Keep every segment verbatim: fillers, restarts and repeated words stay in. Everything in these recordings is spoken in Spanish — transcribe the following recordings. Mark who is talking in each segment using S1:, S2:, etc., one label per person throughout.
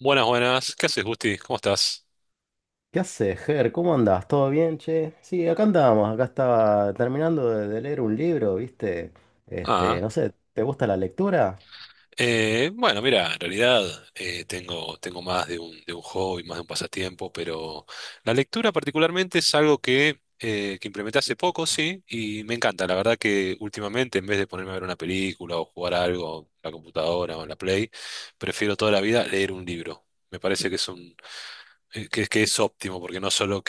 S1: Buenas, buenas. ¿Qué haces, Gusti? ¿Cómo estás?
S2: ¿Qué haces, Ger? ¿Cómo andás? ¿Todo bien, che? Sí, acá andábamos, acá estaba terminando de, de leer un libro, ¿viste? Este,
S1: Ah,
S2: no sé, ¿te gusta la lectura?
S1: eh, bueno, mira, en realidad eh, tengo, tengo más de un, de un hobby, más de un pasatiempo, pero la lectura particularmente es algo que, eh, que implementé hace poco, sí, y me encanta. La verdad que últimamente, en vez de ponerme a ver una película o jugar algo en la computadora o en la Play, prefiero toda la vida leer un libro. Me parece que es un, eh, que, que es óptimo, porque no solo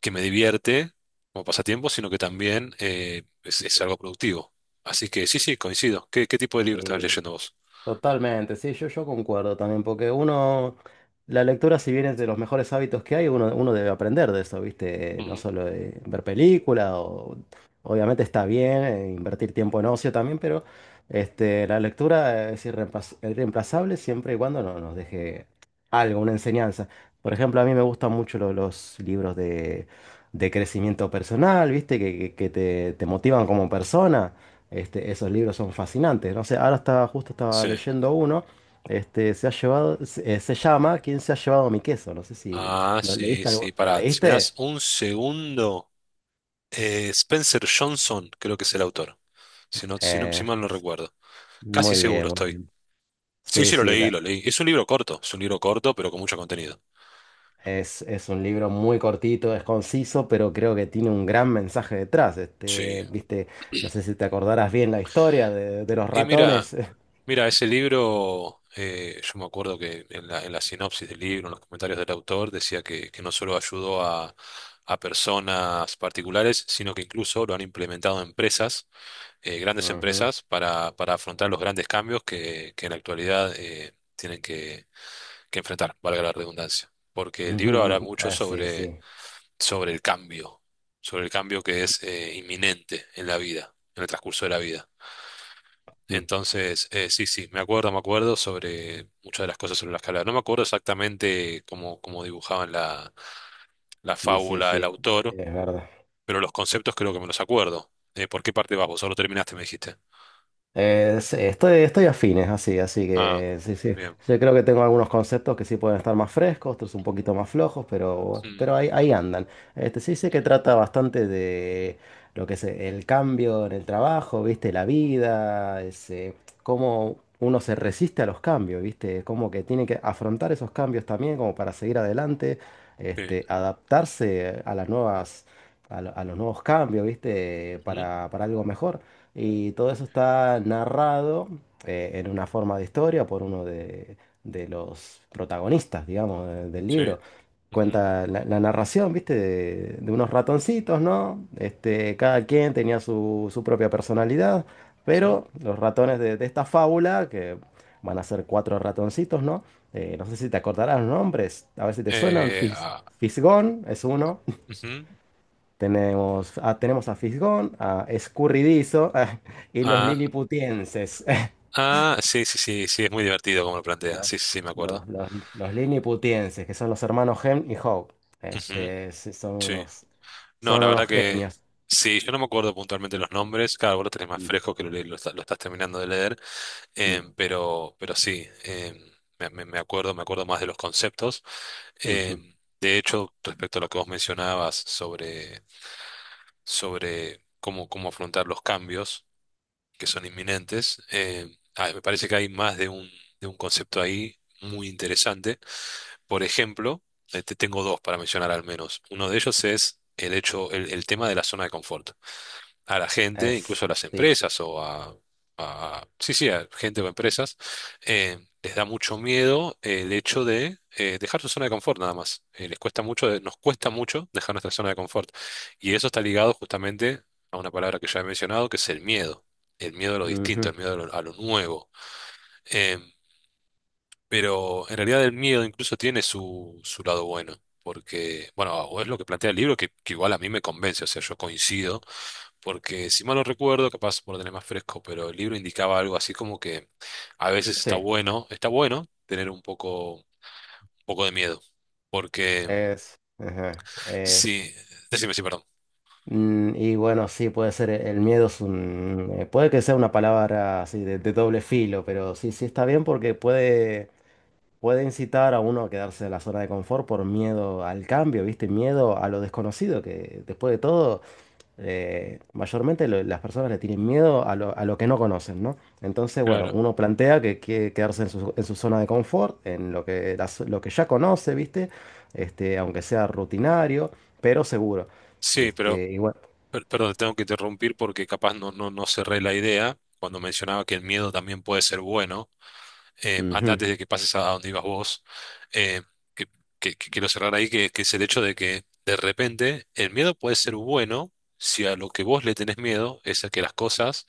S1: que me divierte como pasatiempo, sino que también eh, es, es algo productivo. Así que sí, sí, coincido. ¿Qué, qué tipo de libro estás
S2: Sí.
S1: leyendo vos?
S2: Totalmente, sí, yo, yo concuerdo también, porque uno, la lectura si bien es de los mejores hábitos que hay, uno, uno debe aprender de eso, ¿viste? No
S1: Ujú.
S2: solo de ver película, o, obviamente está bien eh, invertir tiempo en ocio también, pero este, la lectura es irreemplaz- irreemplazable siempre y cuando no, nos deje algo, una enseñanza. Por ejemplo, a mí me gustan mucho lo- los libros de, de crecimiento personal, ¿viste? Que, que- que te, te motivan como persona. Este, esos libros son fascinantes. No sé, ahora estaba, justo estaba
S1: Sí.
S2: leyendo uno. Este, se ha llevado, se, eh, se llama ¿Quién se ha llevado mi queso? No sé si
S1: Ah,
S2: lo
S1: sí,
S2: leíste algo-
S1: sí.
S2: ¿Lo
S1: Pará, si me
S2: leíste?
S1: das un segundo, eh, Spencer Johnson creo que es el autor. Si no, si no, si
S2: Eh,
S1: mal no recuerdo. Casi
S2: muy bien,
S1: seguro
S2: muy
S1: estoy.
S2: bien.
S1: Sí,
S2: Sí,
S1: sí, lo
S2: sí,
S1: leí,
S2: la-
S1: lo leí. Es un libro corto, es un libro corto, pero con mucho contenido.
S2: es, es un libro muy cortito, es conciso, pero creo que tiene un gran mensaje detrás.
S1: Sí.
S2: Este, viste, no sé si te acordarás bien la historia de, de los
S1: Y mira,
S2: ratones.
S1: Mira, ese libro, eh, yo me acuerdo que en la, en la sinopsis del libro, en los comentarios del autor, decía que, que no solo ayudó a, a personas particulares, sino que incluso lo han implementado empresas, eh, grandes
S2: Ujú.
S1: empresas, para, para afrontar los grandes cambios que, que en la actualidad eh, tienen que, que enfrentar, valga la redundancia. Porque el libro habla mucho
S2: Ah, sí,
S1: sobre,
S2: sí.
S1: sobre el cambio, sobre el cambio que es eh, inminente en la vida, en el transcurso de la vida.
S2: Mm,
S1: Entonces, eh, sí, sí, me acuerdo, me acuerdo sobre muchas de las cosas sobre la escala. No me acuerdo exactamente cómo, cómo dibujaban la, la
S2: Sí, sí,
S1: fábula el
S2: sí.
S1: autor,
S2: Es verdad.
S1: pero los conceptos creo que me los acuerdo. Eh, ¿por qué parte vas vos? Solo terminaste, me dijiste.
S2: Eh, sí, estoy, estoy afines, así, así
S1: Ah,
S2: que sí, sí.
S1: bien.
S2: Yo creo que tengo algunos conceptos que sí pueden estar más frescos, otros un poquito más flojos, pero,
S1: Mm,
S2: pero ahí, ahí andan. Este, sí sé que trata bastante de lo que es el cambio en el trabajo, viste, la vida, es, eh, cómo uno se resiste a los cambios, viste, como que tiene que afrontar esos cambios también como para seguir adelante,
S1: sí,
S2: este, adaptarse a las nuevas, a, lo- a los nuevos cambios, viste,
S1: ujú,
S2: para, para algo mejor. Y todo eso está narrado eh, en una forma de historia por uno de, de los protagonistas, digamos, de- del
S1: sí,
S2: libro.
S1: ujú,
S2: Cuenta la, la narración, ¿viste? De, de unos ratoncitos, ¿no? Este, cada quien tenía su, su propia personalidad,
S1: ujú.
S2: pero los ratones de, de esta fábula, que van a ser cuatro ratoncitos, ¿no? Eh, no sé si te acordarás los nombres, a ver si te suenan.
S1: Eh,
S2: Fis-
S1: ah,
S2: Fisgón es uno.
S1: ujú,
S2: Tenemos a, tenemos a Fisgón, a Escurridizo y los
S1: ah,
S2: Lilliputienses.
S1: ah, sí, sí, sí, sí, es muy divertido como lo plantea.
S2: Los,
S1: Sí, sí, sí, me
S2: los,
S1: acuerdo.
S2: los- los Lilliputienses, que son los hermanos Hem y Hope.
S1: Ujú,
S2: Este, sí, son
S1: sí,
S2: unos,
S1: no,
S2: son
S1: la verdad
S2: unos
S1: que
S2: genios.
S1: sí, yo no me acuerdo puntualmente los nombres, claro, vos lo tenés más
S2: Mm,
S1: fresco que lo, le- lo está- lo estás terminando de leer,
S2: mm,
S1: em, pero, pero sí, em, me, me- me acuerdo, me acuerdo más de los conceptos.
S2: ujú.
S1: Em, de hecho, respecto a lo que vos mencionabas sobre, sobre cómo, cómo afrontar los cambios que son inminentes, em, ah, me parece que hay más de un, de un concepto ahí muy interesante. Por ejemplo, eh, te tengo dos para mencionar al menos. Uno de ellos es el hecho, el, el tema de la zona de confort a la gente, incluso
S2: Es,
S1: a las
S2: sí.
S1: empresas o a, a- sí, sí, a gente o empresas, eh, les da mucho miedo eh, el hecho de eh, dejar su zona de confort nada más. Eh, les cuesta mucho, de- nos cuesta mucho dejar nuestra zona de confort. Y eso está ligado justamente a una palabra que ya he mencionado, que es el miedo. El miedo a lo distinto,
S2: Ujú,
S1: el miedo a lo, a lo nuevo. Em, pero en realidad el miedo incluso tiene su, su lado bueno, porque, bueno, o es lo que plantea el libro que, que igual a mí me convence, o sea, yo coincido, porque si mal no recuerdo, capaz por tener más fresco, pero el libro indicaba algo así como que a veces está
S2: sí,
S1: bueno, está bueno tener un poco, un poco de miedo, porque
S2: es, ajá, es.
S1: sí, decime, sí, perdón.
S2: Mm, Y bueno, sí, puede ser, el miedo es un, eh, puede que sea una palabra así de, de doble filo, pero sí, sí está bien porque puede puede incitar a uno a quedarse en la zona de confort por miedo al cambio, ¿viste? Miedo a lo desconocido, que después de todo, eh, mayormente lo- las personas le tienen miedo a lo, a lo que no conocen, ¿no? Entonces, bueno,
S1: Claro.
S2: uno plantea que quiere quedarse en su, en su zona de confort, en lo que, la zo- lo que ya conoce, ¿viste? Este, aunque sea rutinario, pero seguro.
S1: Sí, pero,
S2: Este, y bueno,
S1: per- perdón, te tengo que interrumpir porque capaz no, no, no cerré la idea cuando mencionaba que el miedo también puede ser bueno eh, an-
S2: ujú,
S1: antes de que pases a, donde ibas vos, eh, que, que- que quiero cerrar ahí, que, que es el hecho de que de repente el miedo puede ser bueno si a lo que vos le tenés miedo es a que las cosas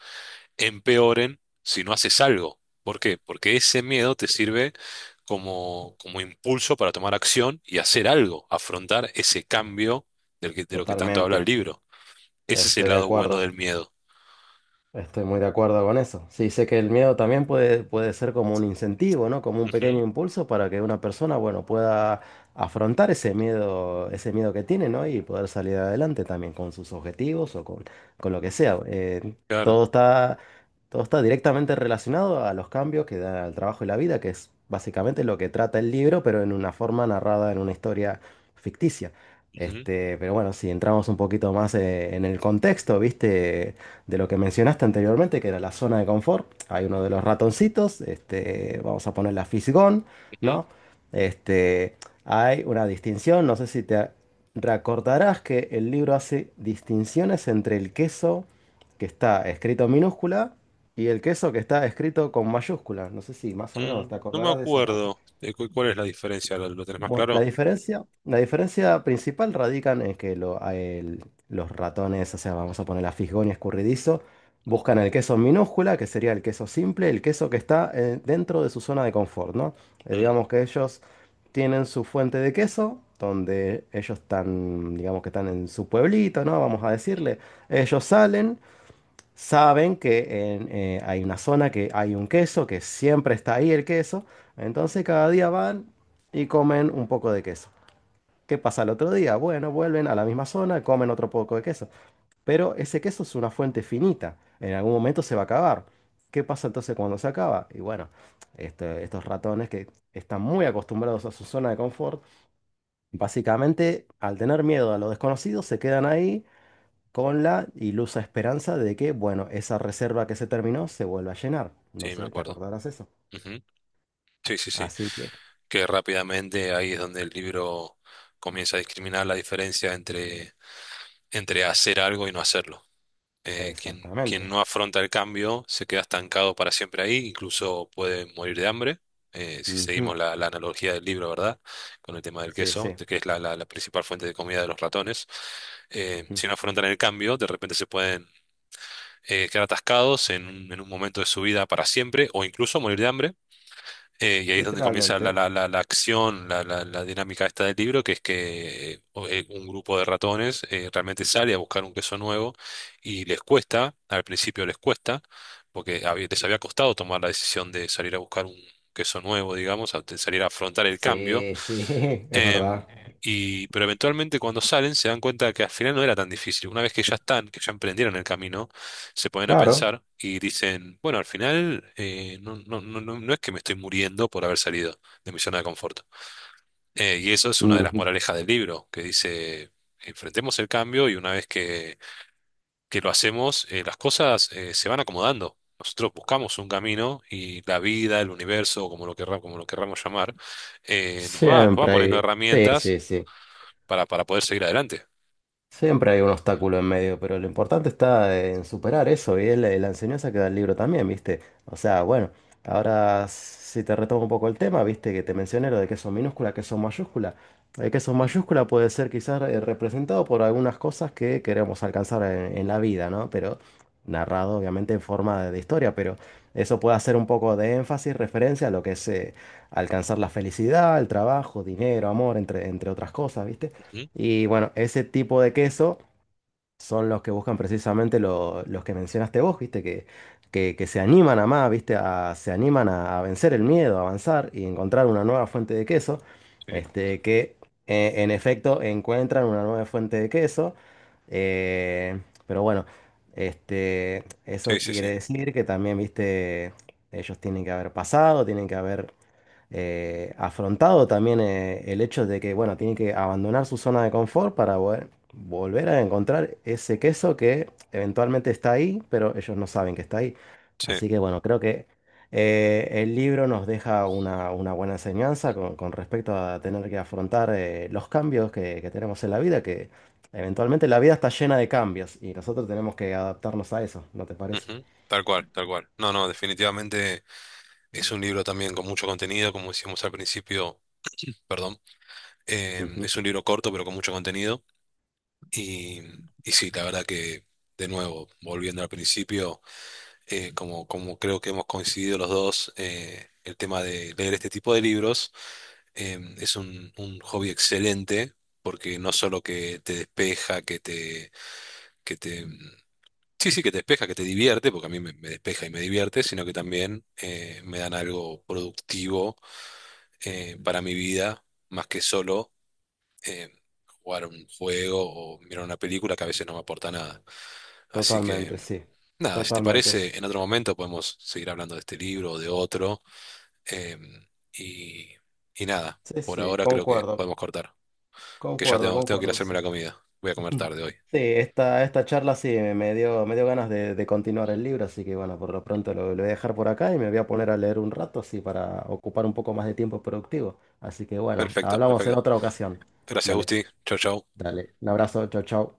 S1: empeoren si no haces algo. ¿Por qué? Porque ese miedo te sirve como, como impulso para tomar acción y hacer algo, afrontar ese cambio del que, de lo que tanto habla el
S2: totalmente,
S1: libro. Ese es el
S2: estoy de
S1: lado bueno
S2: acuerdo.
S1: del miedo.
S2: Estoy muy de acuerdo con eso. Sí, sé que el miedo también puede, puede ser como un incentivo, ¿no? Como un
S1: Ujú,
S2: pequeño impulso para que una persona, bueno, pueda afrontar ese miedo, ese miedo que tiene, ¿no? Y poder salir adelante también con sus objetivos o con, con lo que sea. Eh,
S1: claro.
S2: todo está, todo está directamente relacionado a los cambios que da el trabajo y la vida, que es básicamente lo que trata el libro, pero en una forma narrada en una historia ficticia.
S1: Ujú,
S2: Este, pero bueno, si entramos un poquito más eh, en el contexto, ¿viste? De lo que mencionaste anteriormente, que era la zona de confort. Hay uno de los ratoncitos, este, vamos a poner la Fisgón,
S1: ujú.
S2: ¿no? Este, hay una distinción, no sé si te recordarás que el libro hace distinciones entre el queso que está escrito en minúscula y el queso que está escrito con mayúscula. No sé si más o menos te
S1: Mm, no me
S2: acordarás de esa parte.
S1: acuerdo. Eh, cu- ¿Cuál es la diferencia? ¿Lo, lo tenés más
S2: Bueno, la
S1: claro?
S2: diferencia, la diferencia principal radica en que lo- a el- los ratones, o sea, vamos a poner la fisgonia escurridizo,
S1: Mm,
S2: buscan el queso en minúscula, que sería el queso simple, el queso que está eh, dentro de su zona de confort, ¿no? Eh,
S1: mm,
S2: digamos que ellos tienen su fuente de queso, donde ellos están, digamos que están en su pueblito, ¿no? Vamos a decirle, ellos salen. Saben que en, eh, hay una zona que hay un queso, que siempre está ahí el queso. Entonces cada día van y comen un poco de queso. ¿Qué pasa el otro día? Bueno, vuelven a la misma zona, comen otro poco de queso. Pero ese queso es una fuente finita. En algún momento se va a acabar. ¿Qué pasa entonces cuando se acaba? Y bueno, este- estos ratones que están muy acostumbrados a su zona de confort, básicamente al tener miedo a lo desconocido, se quedan ahí con la ilusa esperanza de que, bueno, esa reserva que se terminó se vuelva a llenar. No
S1: sí, me
S2: sé, ¿te
S1: acuerdo.
S2: acordarás eso?
S1: Ujú. Sí, sí, sí.
S2: Así que,
S1: Que rápidamente ahí es donde el libro comienza a discriminar la diferencia entre, entre hacer algo y no hacerlo. Eh, quien, quien
S2: exactamente.
S1: no afronta el cambio se queda estancado para siempre ahí, incluso puede morir de hambre. Eh, si
S2: Ujú,
S1: seguimos la, la analogía del libro, ¿verdad? Con el tema del
S2: sí,
S1: queso,
S2: sí.
S1: de que es la, la la principal fuente de comida de los ratones eh,
S2: Ujú,
S1: si no afrontan el cambio, de repente se pueden eh, quedar atascados en, un en un momento de su vida para siempre o incluso morir de hambre. Eh, y ahí es donde comienza la,
S2: literalmente.
S1: la- la- la acción, la, la- la dinámica esta del libro, que es que eh, o- eh, un grupo de ratones eh, realmente sale a buscar un queso nuevo y les cuesta, al principio les cuesta, porque había- les había costado tomar la decisión de salir a buscar un queso nuevo, digamos, a- de salir a afrontar el cambio.
S2: Sí, sí, es
S1: Em,
S2: verdad.
S1: y, pero eventualmente cuando salen se dan cuenta que al final no era tan difícil. Una vez que ya están, que ya emprendieron el camino, se ponen a
S2: Claro.
S1: pensar y dicen, bueno, al final eh, no, no, no, no no es que me estoy muriendo por haber salido de mi zona de confort. Eh, y eso es una de las
S2: Ujú,
S1: moralejas del libro, que dice, enfrentemos el cambio y una vez que, que lo hacemos, eh, las cosas eh, se van acomodando. Nosotros buscamos un camino y la vida, el universo, como lo querramos, como lo querramos llamar, eh, nos va, nos va
S2: siempre
S1: poniendo
S2: hay. Sí,
S1: herramientas
S2: sí, sí.
S1: para, para poder seguir adelante.
S2: Siempre hay un obstáculo en medio, pero lo importante está en superar eso y es la, la enseñanza que da el libro también, ¿viste? O sea, bueno, ahora si te retomo un poco el tema, ¿viste? Que te mencioné lo de que son minúscula, que son mayúscula. El que son
S1: Mm.
S2: mayúscula puede ser quizás eh, representado por algunas cosas que queremos alcanzar en, en la vida, ¿no? Pero narrado obviamente en forma de, de historia, pero eso puede hacer un poco de énfasis, referencia a lo que es eh, alcanzar la felicidad, el trabajo, dinero, amor, entre, entre otras cosas, ¿viste?
S1: Ujú.
S2: Y bueno, ese tipo de queso son los que buscan precisamente lo- los que mencionaste vos, ¿viste? Que, que, que se animan a más, ¿viste? A, se animan a, a vencer el miedo, a avanzar y encontrar una nueva fuente de queso.
S1: Sí,
S2: Este, que eh, en efecto encuentran una nueva fuente de queso. eh, pero bueno, este,
S1: sí,
S2: eso
S1: sí, sí.
S2: quiere decir que también, ¿viste? Ellos tienen que haber pasado, tienen que haber eh, afrontado también eh, el hecho de que, bueno, tiene que abandonar su zona de confort para vo- volver a encontrar ese queso que eventualmente está ahí, pero ellos no saben que está ahí.
S1: Sí.
S2: Así que, bueno, creo que eh, el libro nos deja una, una buena enseñanza con, con respecto a tener que afrontar eh, los cambios que, que tenemos en la vida, que eventualmente la vida está llena de cambios y nosotros tenemos que adaptarnos a eso, ¿no te parece?
S1: Ujú. Tal cual, tal cual. No, no, definitivamente es un libro también con mucho contenido, como decíamos al principio, perdón. Eh,
S2: Ujú.
S1: es un libro corto, pero con mucho contenido. Y, y sí, la verdad que, de nuevo, volviendo al principio, eh, como, como creo que hemos coincidido los dos, eh, el tema de leer este tipo de libros em, es un, un hobby excelente porque no solo que te despeja, que te, que te sí, sí, que te despeja, que te divierte, porque a mí me, me despeja y me divierte, sino que también eh, me dan algo productivo eh, para mi vida, más que solo eh, jugar un juego o mirar una película que a veces no me aporta nada. Así
S2: Totalmente,
S1: que,
S2: sí.
S1: nada, si te
S2: Totalmente, sí.
S1: parece, en otro momento podemos seguir hablando de este libro o de otro. eh, y, y nada,
S2: Sí,
S1: por
S2: sí,
S1: ahora creo que
S2: concuerdo.
S1: podemos cortar, que ya
S2: Concuerdo,
S1: tengo, tengo que ir a
S2: concuerdo.
S1: hacerme
S2: Sí,
S1: la comida. Voy a comer tarde hoy.
S2: sí, esta, esta charla sí me me dio, me dio ganas de, de continuar el libro, así que bueno, por lo pronto lo, lo voy a dejar por acá y me voy a poner a leer un rato, así para ocupar un poco más de tiempo productivo. Así que bueno,
S1: Perfecto,
S2: hablamos en
S1: perfecto.
S2: otra ocasión.
S1: Gracias,
S2: Dale,
S1: Gusti. Chau, chau.
S2: dale. Un abrazo, chao, chao.